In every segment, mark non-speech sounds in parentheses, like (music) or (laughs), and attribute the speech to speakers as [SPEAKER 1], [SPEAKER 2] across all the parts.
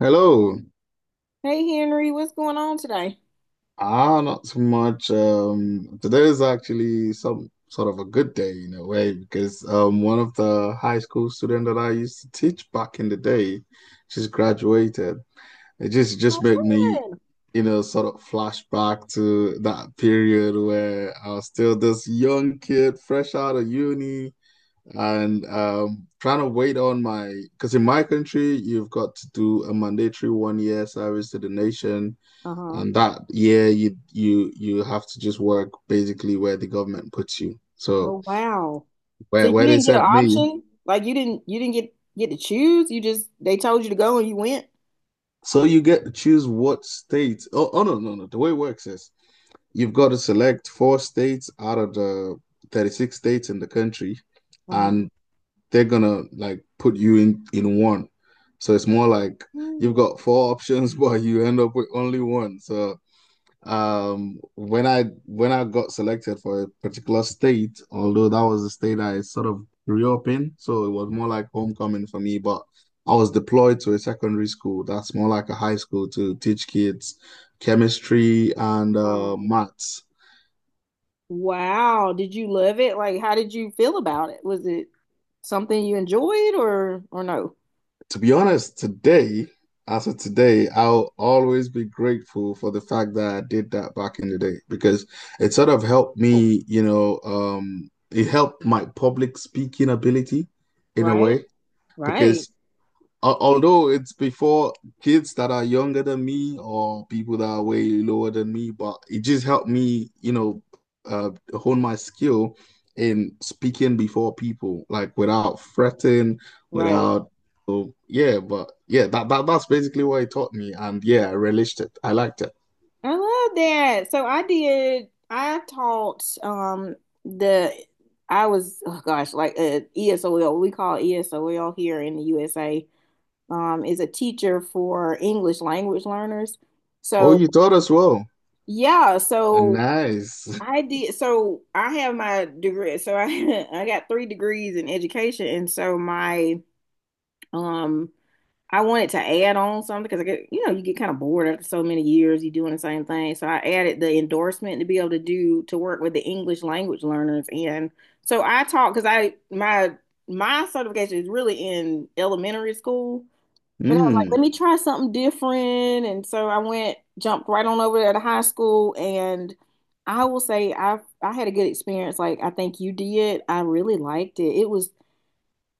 [SPEAKER 1] Hello.
[SPEAKER 2] Hey Henry, what's going on today?
[SPEAKER 1] Ah, not so much. Today is actually some sort of a good day in a way because one of the high school students that I used to teach back in the day, she's graduated. It just
[SPEAKER 2] Oh,
[SPEAKER 1] just made me,
[SPEAKER 2] good.
[SPEAKER 1] you know, sort of flashback to that period where I was still this young kid, fresh out of uni, and trying to wait on my because in my country you've got to do a mandatory 1 year service to the nation.
[SPEAKER 2] Uh-huh.
[SPEAKER 1] And that year you have to just work basically where the government puts you. So
[SPEAKER 2] Oh wow. So
[SPEAKER 1] where
[SPEAKER 2] you
[SPEAKER 1] where they
[SPEAKER 2] didn't get an
[SPEAKER 1] sent me.
[SPEAKER 2] option? Like you didn't get to choose? You just they told you to go and you went?
[SPEAKER 1] So you get to choose what states. Oh, oh no, no, no. The way it works is you've got to select four states out of the 36 states in the country,
[SPEAKER 2] Uh-huh.
[SPEAKER 1] and they're gonna like put you in one. So it's more like you've
[SPEAKER 2] Hmm.
[SPEAKER 1] got four options, (laughs) but you end up with only one. So when I got selected for a particular state, although that was the state I sort of grew up in, so it was more like homecoming for me, but I was deployed to a secondary school that's more like a high school to teach kids chemistry and
[SPEAKER 2] Oh,
[SPEAKER 1] maths.
[SPEAKER 2] wow. Did you love it? Like how did you feel about it? Was it something you enjoyed or no?
[SPEAKER 1] To be honest, today, as of today, I'll always be grateful for the fact that I did that back in the day because it sort of helped
[SPEAKER 2] Oh,
[SPEAKER 1] me, you know, it helped my public speaking ability in a
[SPEAKER 2] right?
[SPEAKER 1] way
[SPEAKER 2] Right.
[SPEAKER 1] because Although it's before kids that are younger than me or people that are way lower than me, but it just helped me, you know, uh, hone my skill in speaking before people, like without fretting,
[SPEAKER 2] Right.
[SPEAKER 1] without, so yeah, but yeah, that's basically what it taught me, and yeah, I relished it. I liked it.
[SPEAKER 2] I love that. So I did, I taught the I was oh gosh, like ESOL, we call ESOL here in the USA, is a teacher for English language learners.
[SPEAKER 1] Oh,
[SPEAKER 2] So
[SPEAKER 1] you taught us well.
[SPEAKER 2] yeah, so
[SPEAKER 1] Nice.
[SPEAKER 2] I did so I have my degree. So I (laughs) I got three degrees in education and so my um I wanted to add on something because I get, you know, you get kind of bored after so many years, you doing the same thing. So I added the endorsement to be able to do to work with the English language learners. And so I taught because I my my certification is really in elementary school, but I was like,
[SPEAKER 1] Hmm.
[SPEAKER 2] let me try something different. And so I went, jumped right on over there to high school, and I will say I had a good experience. Like I think you did. I really liked it.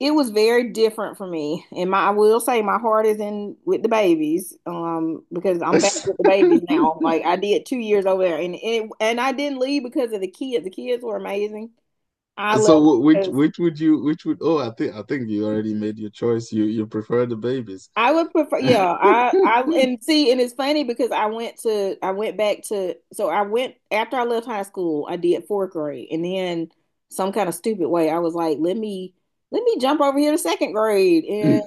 [SPEAKER 2] It was very different for me. And my I will say my heart is in with the babies, because I'm back with the
[SPEAKER 1] (laughs)
[SPEAKER 2] babies now. Like I did 2 years over there and, it, and I didn't leave because of the kids. The kids were amazing. I
[SPEAKER 1] So
[SPEAKER 2] left
[SPEAKER 1] wh- which
[SPEAKER 2] because
[SPEAKER 1] which would you which would oh I think you already made your choice. You prefer the babies.
[SPEAKER 2] I would prefer, yeah.
[SPEAKER 1] (laughs)
[SPEAKER 2] And see, and it's funny because I went to, I went back to, so I went after I left high school, I did fourth grade, and then some kind of stupid way, I was like, let me jump over here to second grade, and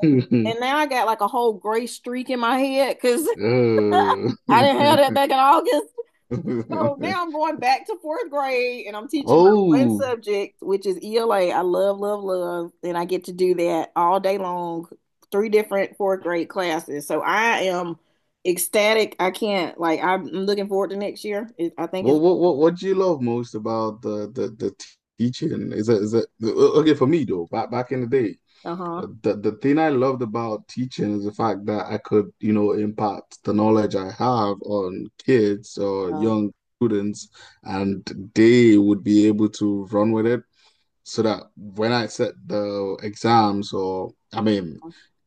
[SPEAKER 2] and now I got like a whole gray streak in my head because
[SPEAKER 1] Oh.
[SPEAKER 2] (laughs) I didn't have that back in August. So now I'm
[SPEAKER 1] (laughs)
[SPEAKER 2] going back to fourth grade and I'm teaching my one
[SPEAKER 1] Oh.
[SPEAKER 2] subject, which is ELA. I love, love, love. And I get to do that all day long, three different fourth grade classes. So I am ecstatic. I can't, like, I'm looking forward to next year. It, I think it's,
[SPEAKER 1] Well, what do you love most about the teaching? Is it okay for me though? Back in the day,
[SPEAKER 2] uh-huh.
[SPEAKER 1] The thing I loved about teaching is the fact that I could, you know, impact the knowledge I have on kids or
[SPEAKER 2] Uh,
[SPEAKER 1] young students, and they would be able to run with it so that when I set the exams or I mean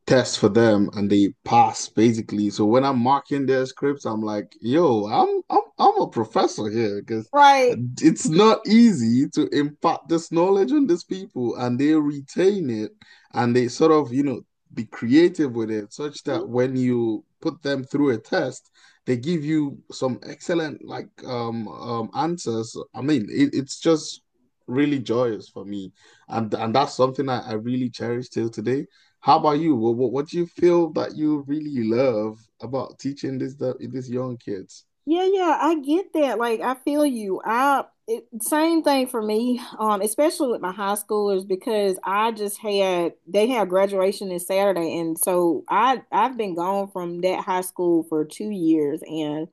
[SPEAKER 1] tests for them and they pass basically. So when I'm marking their scripts, I'm like, yo, I'm a professor here because
[SPEAKER 2] right.
[SPEAKER 1] it's not easy to impart this knowledge on these people and they retain it and they sort of, you know, be creative with it such that when you put them through a test, they give you some excellent like answers. I mean, it's just really joyous for me, and that's something I really cherish till today. How about you? What do you feel that you really love about teaching these young kids?
[SPEAKER 2] Yeah, yeah, I get that. Like, I feel you. I it, same thing for me, especially with my high schoolers because I just had they had graduation this Saturday, and so I've been gone from that high school for 2 years, and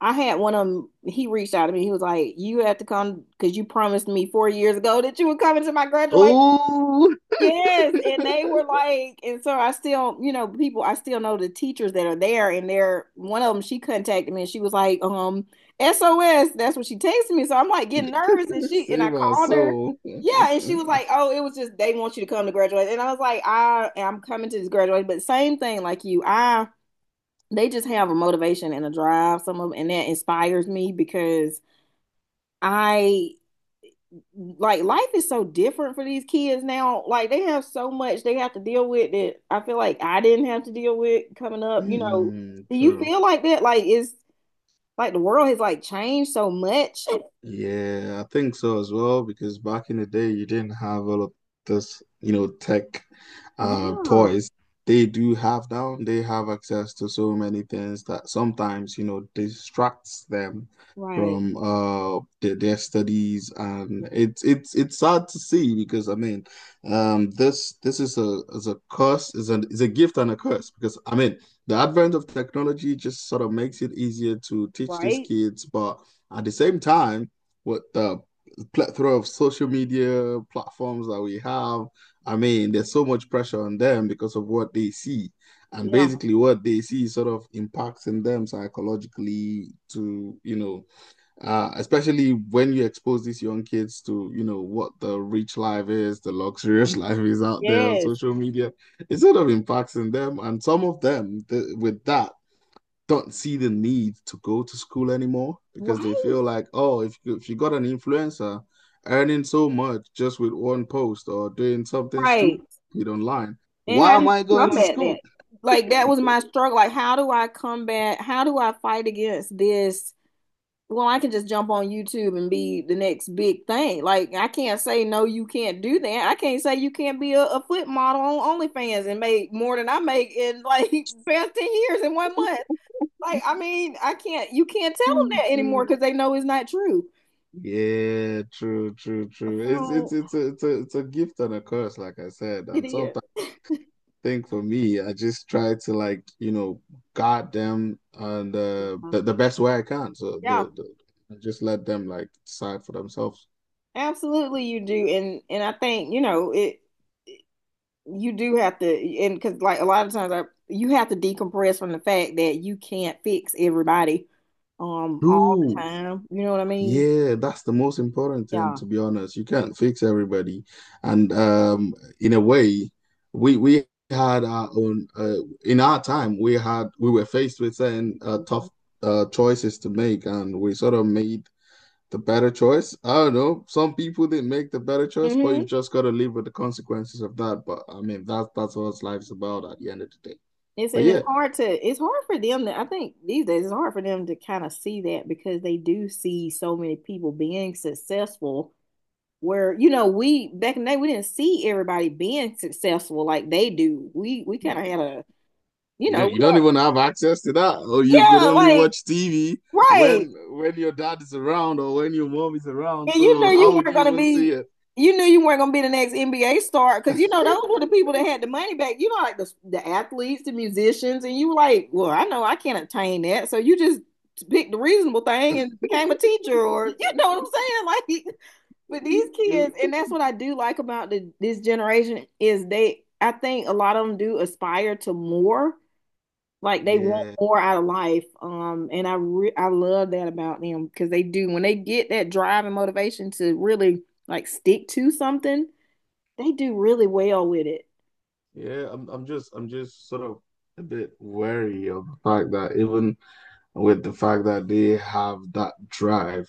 [SPEAKER 2] I had one of them. He reached out to me. He was like, "You have to come because you promised me 4 years ago that you would come into my graduation."
[SPEAKER 1] Oh,
[SPEAKER 2] Yes, and they were like, and so I still, you know, people, I still know the teachers that are there, and they're one of them. She contacted me, and she was like, SOS. That's what she texted me. So I'm like getting nervous, and
[SPEAKER 1] (laughs)
[SPEAKER 2] she and I
[SPEAKER 1] save our
[SPEAKER 2] called her.
[SPEAKER 1] soul.
[SPEAKER 2] Yeah, and she was
[SPEAKER 1] (laughs)
[SPEAKER 2] like, oh, it was just they want you to come to graduate, and I was like, I am coming to this graduate, but same thing like you, I they just have a motivation and a drive, some of, them, and that inspires me because. I like life is so different for these kids now. Like they have so much they have to deal with that I feel like I didn't have to deal with coming up. You know,
[SPEAKER 1] Mm,
[SPEAKER 2] do you
[SPEAKER 1] true.
[SPEAKER 2] feel like that? Like it's like the world has like changed so much.
[SPEAKER 1] Yeah, I think so as well, because back in the day, you didn't have all of this, you know, tech
[SPEAKER 2] Yeah.
[SPEAKER 1] toys. They do have now, they have access to so many things that sometimes, you know, distracts them
[SPEAKER 2] Right.
[SPEAKER 1] from their studies and it's sad to see because I mean this is a curse is an is a gift and a curse because I mean the advent of technology just sort of makes it easier to teach these
[SPEAKER 2] Right.
[SPEAKER 1] kids but at the same time with the plethora of social media platforms that we have. I mean, there's so much pressure on them because of what they see. And
[SPEAKER 2] Yeah.
[SPEAKER 1] basically, what they see sort of impacts in them psychologically to, you know, especially when you expose these young kids to, you know, what the rich life is, the luxurious (laughs) life is out there on
[SPEAKER 2] Yes.
[SPEAKER 1] social media. It sort of impacts in them. And some of them, th with that, don't see the need to go to school anymore because they
[SPEAKER 2] Right.
[SPEAKER 1] feel like, oh, if you got an influencer earning so much just with one post or doing something
[SPEAKER 2] Right.
[SPEAKER 1] stupid online,
[SPEAKER 2] And
[SPEAKER 1] why
[SPEAKER 2] how do
[SPEAKER 1] am I
[SPEAKER 2] you
[SPEAKER 1] going to
[SPEAKER 2] combat that?
[SPEAKER 1] school?
[SPEAKER 2] Like that was my struggle. Like how do I combat? How do I fight against this? Well, I can just jump on YouTube and be the next big thing. Like I can't say no, you can't do that. I can't say you can't be a foot model on OnlyFans and make more than I make in like (laughs) past 10 years in one month. Like I mean, I can't. You can't tell them that anymore because they know it's not true.
[SPEAKER 1] Yeah, true, true, true. It's it's
[SPEAKER 2] So
[SPEAKER 1] it's a, it's a, it's a gift and a curse, like I said.
[SPEAKER 2] it
[SPEAKER 1] And
[SPEAKER 2] is.
[SPEAKER 1] sometimes I think for me, I just try to like, you know, guard them and the best way I can. So
[SPEAKER 2] Yeah,
[SPEAKER 1] the just let them like decide for themselves.
[SPEAKER 2] absolutely, you do. And I think you know it. You do have to, and because like a lot of times, I, you have to decompress from the fact that you can't fix everybody all the
[SPEAKER 1] True.
[SPEAKER 2] time. You know what I mean?
[SPEAKER 1] Yeah, that's the most important thing,
[SPEAKER 2] Yeah.
[SPEAKER 1] to be honest. You can't fix everybody. And in a way, we had our own in our time, we were faced with certain tough choices to make, and we sort of made the better choice? I don't know. Some people didn't make the better
[SPEAKER 2] mm
[SPEAKER 1] choice, but
[SPEAKER 2] hmm
[SPEAKER 1] you've just got to live with the consequences of that. But I mean, that's what life's about at the end of the day.
[SPEAKER 2] It's
[SPEAKER 1] But
[SPEAKER 2] and it's
[SPEAKER 1] yeah,
[SPEAKER 2] hard to it's hard for them to I think these days it's hard for them to kind of see that because they do see so many people being successful where you know we back in the day we didn't see everybody being successful like they do. We kind
[SPEAKER 1] you,
[SPEAKER 2] of had a you know
[SPEAKER 1] you
[SPEAKER 2] we
[SPEAKER 1] don't
[SPEAKER 2] had-
[SPEAKER 1] even have access to that, or you could
[SPEAKER 2] yeah
[SPEAKER 1] only
[SPEAKER 2] like
[SPEAKER 1] watch TV
[SPEAKER 2] right.
[SPEAKER 1] when your dad is around or when your mom is around.
[SPEAKER 2] And you knew
[SPEAKER 1] So how
[SPEAKER 2] you
[SPEAKER 1] would
[SPEAKER 2] weren't
[SPEAKER 1] you
[SPEAKER 2] gonna
[SPEAKER 1] even see
[SPEAKER 2] be,
[SPEAKER 1] it?
[SPEAKER 2] you knew you weren't gonna be the next NBA star because you know those
[SPEAKER 1] (laughs)
[SPEAKER 2] were the people that had the money back. You know, like the athletes, the musicians, and you were like, well, I know I can't obtain that, so you just picked the reasonable thing and became a teacher, or you know what I'm saying? (laughs) Like, but these
[SPEAKER 1] You
[SPEAKER 2] kids, and that's what I do like about this generation is they. I think a lot of them do aspire to more like they want
[SPEAKER 1] yeah
[SPEAKER 2] more out of life. And I love that about them because they do when they get that drive and motivation to really like stick to something, they do really well with it.
[SPEAKER 1] yeah. I'm just sort of a bit wary of the fact that even with the fact that they have that drive.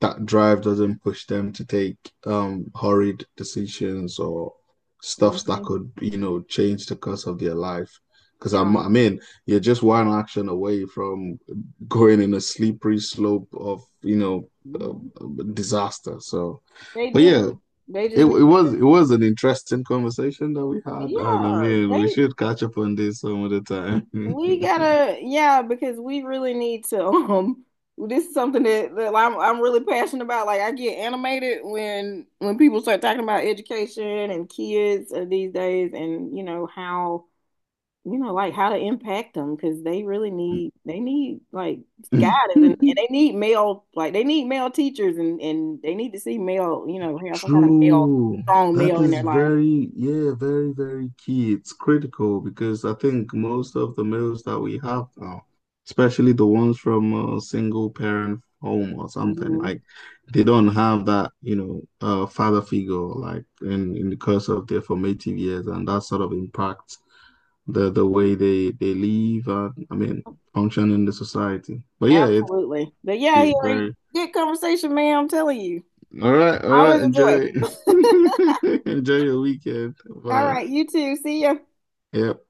[SPEAKER 1] That drive doesn't push them to take hurried decisions or stuffs that
[SPEAKER 2] Hmm.
[SPEAKER 1] could, you know, change the course of their life. Because
[SPEAKER 2] Yeah.
[SPEAKER 1] I mean, you're just one action away from going in a slippery slope of, you know, uh,
[SPEAKER 2] Hmm.
[SPEAKER 1] disaster. So,
[SPEAKER 2] They
[SPEAKER 1] but yeah,
[SPEAKER 2] do. They just need,
[SPEAKER 1] it was an interesting conversation that we had, and I
[SPEAKER 2] yeah,
[SPEAKER 1] mean, we
[SPEAKER 2] they
[SPEAKER 1] should catch up on this some other time.
[SPEAKER 2] we gotta, yeah, because we really need to. (laughs) This is something that I'm really passionate about. Like I get animated when people start talking about education and kids these days, and you know how you know like how to impact them because they really need they need like guidance and
[SPEAKER 1] (laughs)
[SPEAKER 2] they need male like they need male teachers and they need to see male you know have some kind of male
[SPEAKER 1] True.
[SPEAKER 2] strong
[SPEAKER 1] That
[SPEAKER 2] male in
[SPEAKER 1] is
[SPEAKER 2] their life.
[SPEAKER 1] very, yeah, very, very key. It's critical because I think most of the males that we have now, especially the ones from a single parent home or something,
[SPEAKER 2] Hmm.
[SPEAKER 1] like they don't have that, you know, father figure like in the course of their formative years, and that sort of impacts the way they live and I mean function in the society. But yeah, it's
[SPEAKER 2] Absolutely, but yeah, here
[SPEAKER 1] very
[SPEAKER 2] good conversation, man. I'm telling you.
[SPEAKER 1] all right, all right.
[SPEAKER 2] Always a
[SPEAKER 1] Enjoy,
[SPEAKER 2] joy.
[SPEAKER 1] (laughs) enjoy your weekend.
[SPEAKER 2] All
[SPEAKER 1] Bye.
[SPEAKER 2] right, you too. See ya.
[SPEAKER 1] Yep.